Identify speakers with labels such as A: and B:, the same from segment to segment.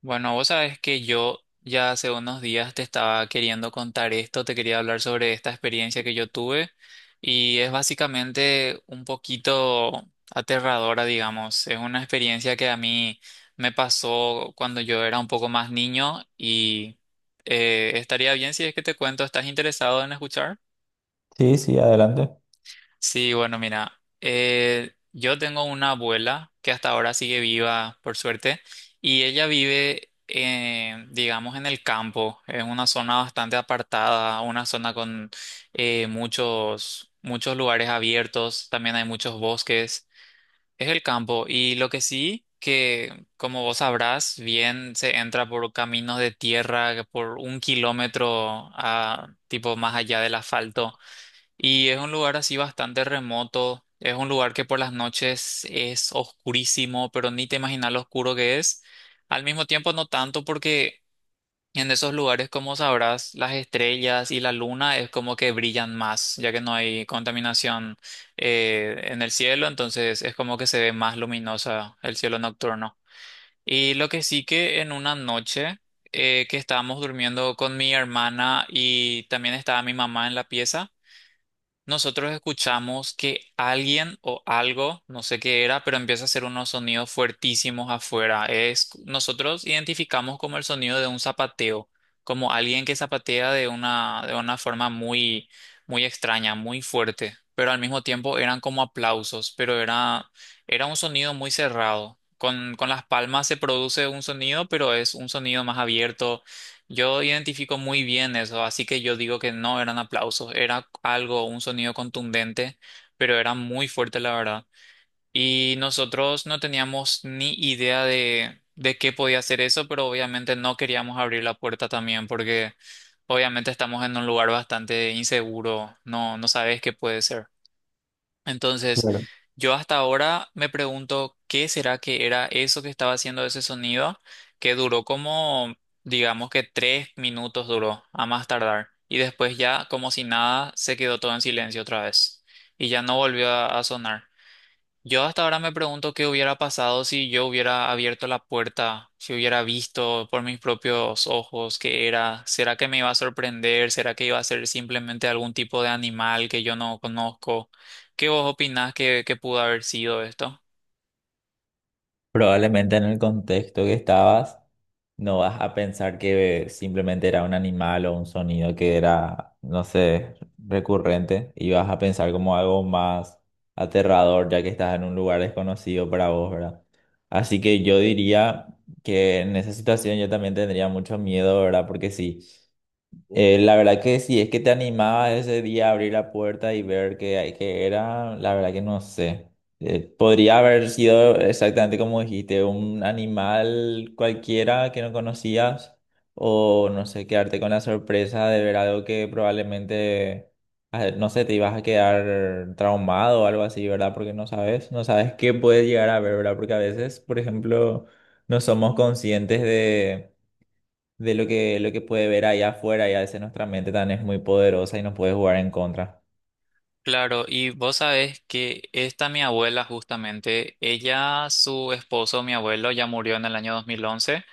A: Bueno, vos sabés que yo ya hace unos días te estaba queriendo contar esto, te quería hablar sobre esta experiencia que yo tuve y es básicamente un poquito aterradora, digamos. Es una experiencia que a mí me pasó cuando yo era un poco más niño y estaría bien si es que te cuento, ¿estás interesado en escuchar?
B: Sí, sí, adelante.
A: Sí, bueno, mira, yo tengo una abuela que hasta ahora sigue viva, por suerte, y ella vive, digamos, en el campo, en una zona bastante apartada, una zona con muchos lugares abiertos, también hay muchos bosques, es el campo, y lo que sí, que como vos sabrás, bien se entra por caminos de tierra, por 1 kilómetro, tipo más allá del asfalto. Y es un lugar así bastante remoto. Es un lugar que por las noches es oscurísimo, pero ni te imaginas lo oscuro que es. Al mismo tiempo, no tanto porque en esos lugares, como sabrás, las estrellas y la luna es como que brillan más, ya que no hay contaminación en el cielo, entonces es como que se ve más luminosa el cielo nocturno. Y lo que sí que en una noche que estábamos durmiendo con mi hermana y también estaba mi mamá en la pieza. Nosotros escuchamos que alguien o algo, no sé qué era, pero empieza a hacer unos sonidos fuertísimos afuera. Nosotros identificamos como el sonido de un zapateo, como alguien que zapatea de una forma muy, muy extraña, muy fuerte, pero al mismo tiempo eran como aplausos, pero era un sonido muy cerrado. Con las palmas se produce un sonido, pero es un sonido más abierto, yo identifico muy bien eso, así que yo digo que no eran aplausos, era algo, un sonido contundente, pero era muy fuerte, la verdad. Y nosotros no teníamos ni idea de qué podía ser eso, pero obviamente no queríamos abrir la puerta también, porque obviamente estamos en un lugar bastante inseguro, no, no sabes qué puede ser. Entonces,
B: Claro.
A: yo hasta ahora me pregunto qué será que era eso que estaba haciendo ese sonido, que duró como, digamos que 3 minutos duró, a más tardar. Y después ya, como si nada, se quedó todo en silencio otra vez. Y ya no volvió a sonar. Yo hasta ahora me pregunto qué hubiera pasado si yo hubiera abierto la puerta, si hubiera visto por mis propios ojos qué era. ¿Será que me iba a sorprender? ¿Será que iba a ser simplemente algún tipo de animal que yo no conozco? ¿Qué vos opinás que pudo haber sido esto?
B: Probablemente en el contexto que estabas, no vas a pensar que simplemente era un animal o un sonido que era, no sé, recurrente, y vas a pensar como algo más aterrador ya que estás en un lugar desconocido para vos, ¿verdad? Así que yo diría que en esa situación yo también tendría mucho miedo, ¿verdad? Porque sí. La verdad que sí, es que te animaba ese día a abrir la puerta y ver qué, qué era, la verdad que no sé. Podría haber sido exactamente como dijiste, un animal cualquiera que no conocías, o no sé, quedarte con la sorpresa de ver algo que probablemente, ah, no sé, te ibas a quedar traumado o algo así, ¿verdad? Porque no sabes, no sabes qué puedes llegar a ver, ¿verdad? Porque a veces, por ejemplo, no somos conscientes de lo que, lo que puede ver allá afuera, y a veces nuestra mente también es muy poderosa y nos puede jugar en contra.
A: Claro, y vos sabés que esta mi abuela justamente, ella, su esposo, mi abuelo, ya murió en el año 2011.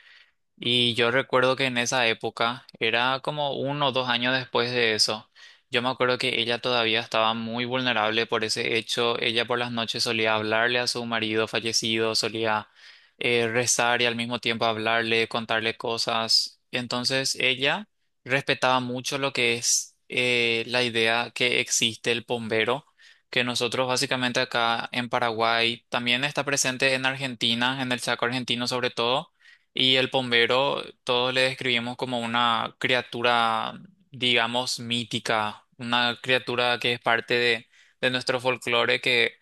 A: Y yo recuerdo que en esa época, era como 1 o 2 años después de eso, yo me acuerdo que ella todavía estaba muy vulnerable por ese hecho. Ella por las noches solía hablarle a su marido fallecido, solía rezar y al mismo tiempo hablarle, contarle cosas. Entonces ella respetaba mucho lo que es la idea que existe el bombero, que nosotros básicamente acá en Paraguay, también está presente en Argentina, en el Chaco argentino sobre todo, y el bombero, todos le describimos como una criatura, digamos, mítica, una criatura que es parte de nuestro folclore, que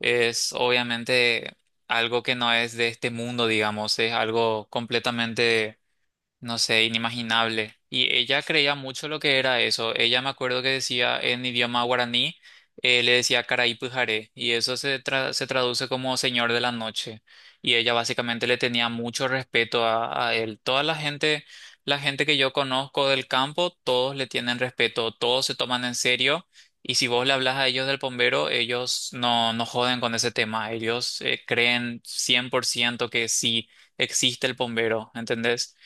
A: es obviamente algo que no es de este mundo, digamos, es algo completamente, no sé, inimaginable. Y ella creía mucho lo que era eso. Ella me acuerdo que decía en idioma guaraní, le decía Caray Pujaré, y se traduce como Señor de la Noche. Y ella básicamente le tenía mucho respeto a él. Toda la gente que yo conozco del campo, todos le tienen respeto, todos se toman en serio. Y si vos le hablas a ellos del bombero, ellos no, no joden con ese tema. Ellos creen 100% que sí existe el bombero, ¿entendés?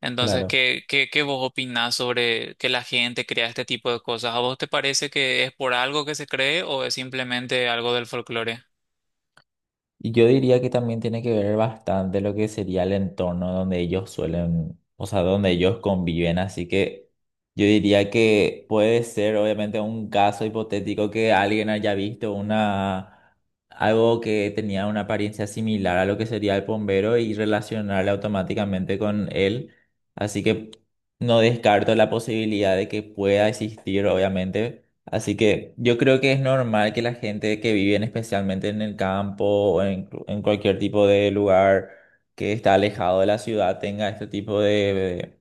A: Entonces,
B: Claro.
A: ¿qué vos opinás sobre que la gente crea este tipo de cosas? ¿A vos te parece que es por algo que se cree o es simplemente algo del folclore?
B: Y yo diría que también tiene que ver bastante lo que sería el entorno donde ellos suelen, o sea, donde ellos conviven. Así que yo diría que puede ser obviamente un caso hipotético que alguien haya visto una, algo que tenía una apariencia similar a lo que sería el bombero y relacionarle automáticamente con él. Así que no descarto la posibilidad de que pueda existir, obviamente. Así que yo creo que es normal que la gente que vive en- especialmente en el campo o en cualquier tipo de lugar que está alejado de la ciudad tenga este tipo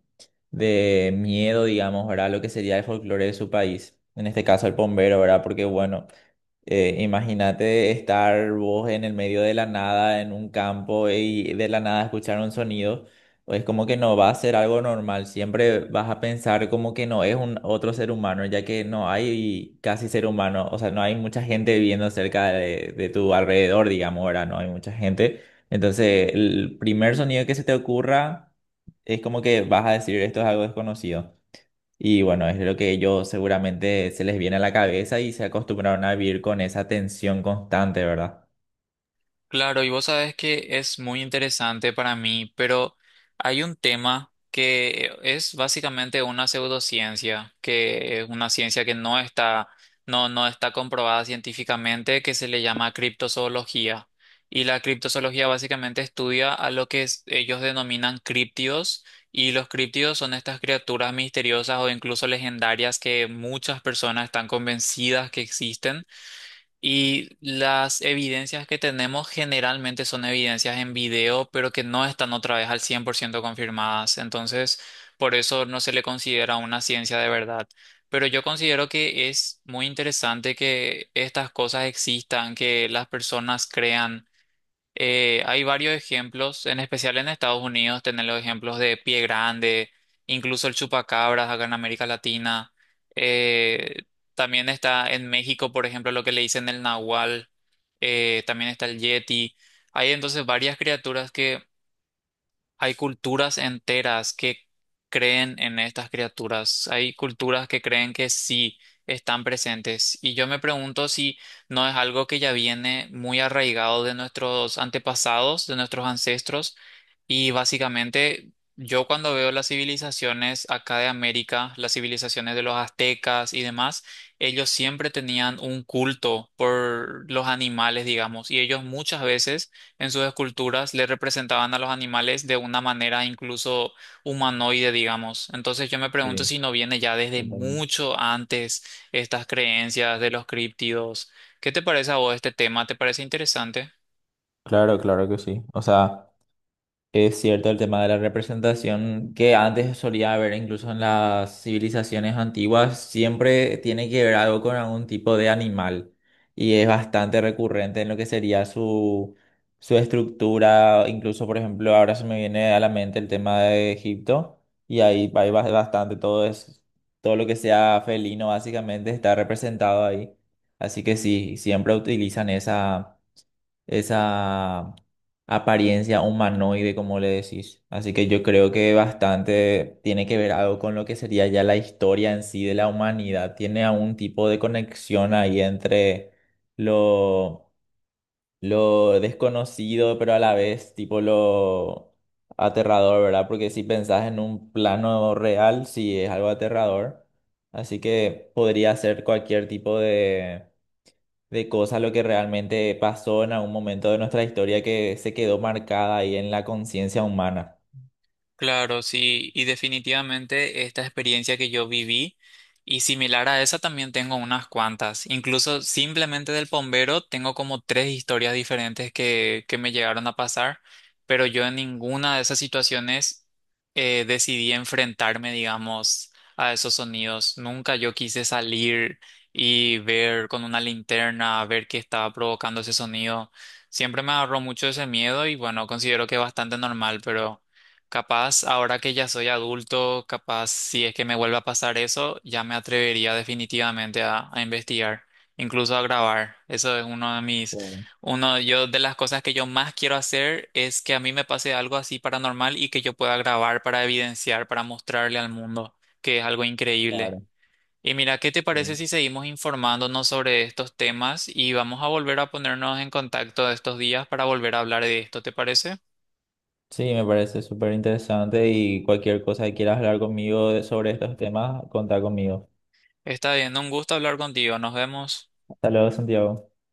B: de miedo, digamos, ¿verdad? Lo que sería el folclore de su país. En este caso el bombero, ¿verdad? Porque bueno. Imagínate estar vos en el medio de la nada, en un campo y de la nada escuchar un sonido. Es como que no va a ser algo normal. Siempre vas a pensar como que no es un otro ser humano, ya que no hay casi ser humano. O sea, no hay mucha gente viviendo cerca de tu alrededor, digamos, ahora no hay mucha gente. Entonces, el primer sonido que se te ocurra es como que vas a decir esto es algo desconocido. Y bueno, es lo que ellos seguramente se les viene a la cabeza y se acostumbraron a vivir con esa tensión constante, ¿verdad?
A: Claro, y vos sabes que es muy interesante para mí, pero hay un tema que es básicamente una pseudociencia, que es una ciencia que no, no está comprobada científicamente, que se le llama criptozoología. Y la criptozoología básicamente estudia a lo ellos denominan críptidos, y los críptidos son estas criaturas misteriosas o incluso legendarias que muchas personas están convencidas que existen, y las evidencias que tenemos generalmente son evidencias en video, pero que no están otra vez al 100% confirmadas. Entonces, por eso no se le considera una ciencia de verdad. Pero yo considero que es muy interesante que estas cosas existan, que las personas crean. Hay varios ejemplos, en especial en Estados Unidos, tener los ejemplos de Pie Grande, incluso el chupacabras acá en América Latina. Eh, También está en México, por ejemplo, lo que le dicen el nahual. También está el yeti. Hay entonces varias criaturas que hay culturas enteras que creen en estas criaturas. Hay culturas que creen que sí están presentes. Y yo me pregunto si no es algo que ya viene muy arraigado de nuestros antepasados, de nuestros ancestros. Y básicamente yo cuando veo las civilizaciones acá de América, las civilizaciones de los aztecas y demás, ellos siempre tenían un culto por los animales, digamos, y ellos muchas veces en sus esculturas le representaban a los animales de una manera incluso humanoide, digamos. Entonces yo me pregunto
B: Sí,
A: si no viene ya desde
B: totalmente.
A: mucho antes estas creencias de los críptidos. ¿Qué te parece a vos este tema? ¿Te parece interesante?
B: Claro, claro que sí. O sea. Es cierto el tema de la representación que antes solía haber incluso en las civilizaciones antiguas, siempre tiene que ver algo con algún tipo de animal, y es bastante recurrente en lo que sería su, su estructura, incluso por ejemplo ahora se me viene a la mente el tema de Egipto y ahí hay bastante todo es, todo lo que sea felino básicamente está representado ahí, así que sí, siempre utilizan esa esa apariencia humanoide, como le decís. Así que yo creo que bastante tiene que ver algo con lo que sería ya la historia en sí de la humanidad. Tiene algún tipo de conexión ahí entre lo, lo desconocido, pero a la vez tipo lo aterrador, ¿verdad? Porque si pensás en un plano real, sí es algo aterrador. Así que podría ser cualquier tipo de cosas, lo que realmente pasó en algún momento de nuestra historia que se quedó marcada ahí en la conciencia humana.
A: Claro, sí, y definitivamente esta experiencia que yo viví y similar a esa también tengo unas cuantas. Incluso simplemente del bombero tengo como tres historias diferentes que me llegaron a pasar, pero yo en ninguna de esas situaciones decidí enfrentarme, digamos, a esos sonidos. Nunca yo quise salir y ver con una linterna, a ver qué estaba provocando ese sonido. Siempre me agarró mucho ese miedo y bueno, considero que es bastante normal, pero... Capaz, ahora que ya soy adulto, capaz si es que me vuelve a pasar eso, ya me atrevería definitivamente a investigar, incluso a grabar. Eso es
B: Sí,
A: uno yo de las cosas que yo más quiero hacer es que a mí me pase algo así paranormal y que yo pueda grabar para evidenciar, para mostrarle al mundo, que es algo increíble.
B: claro,
A: Y mira, ¿qué te
B: sí.
A: parece si seguimos informándonos sobre estos temas y vamos a volver a ponernos en contacto estos días para volver a hablar de esto? ¿Te parece?
B: Sí, me parece súper interesante y cualquier cosa que quieras hablar conmigo de- sobre estos temas, contá conmigo.
A: Está bien, un gusto hablar contigo. Nos vemos.
B: Hasta luego, Santiago.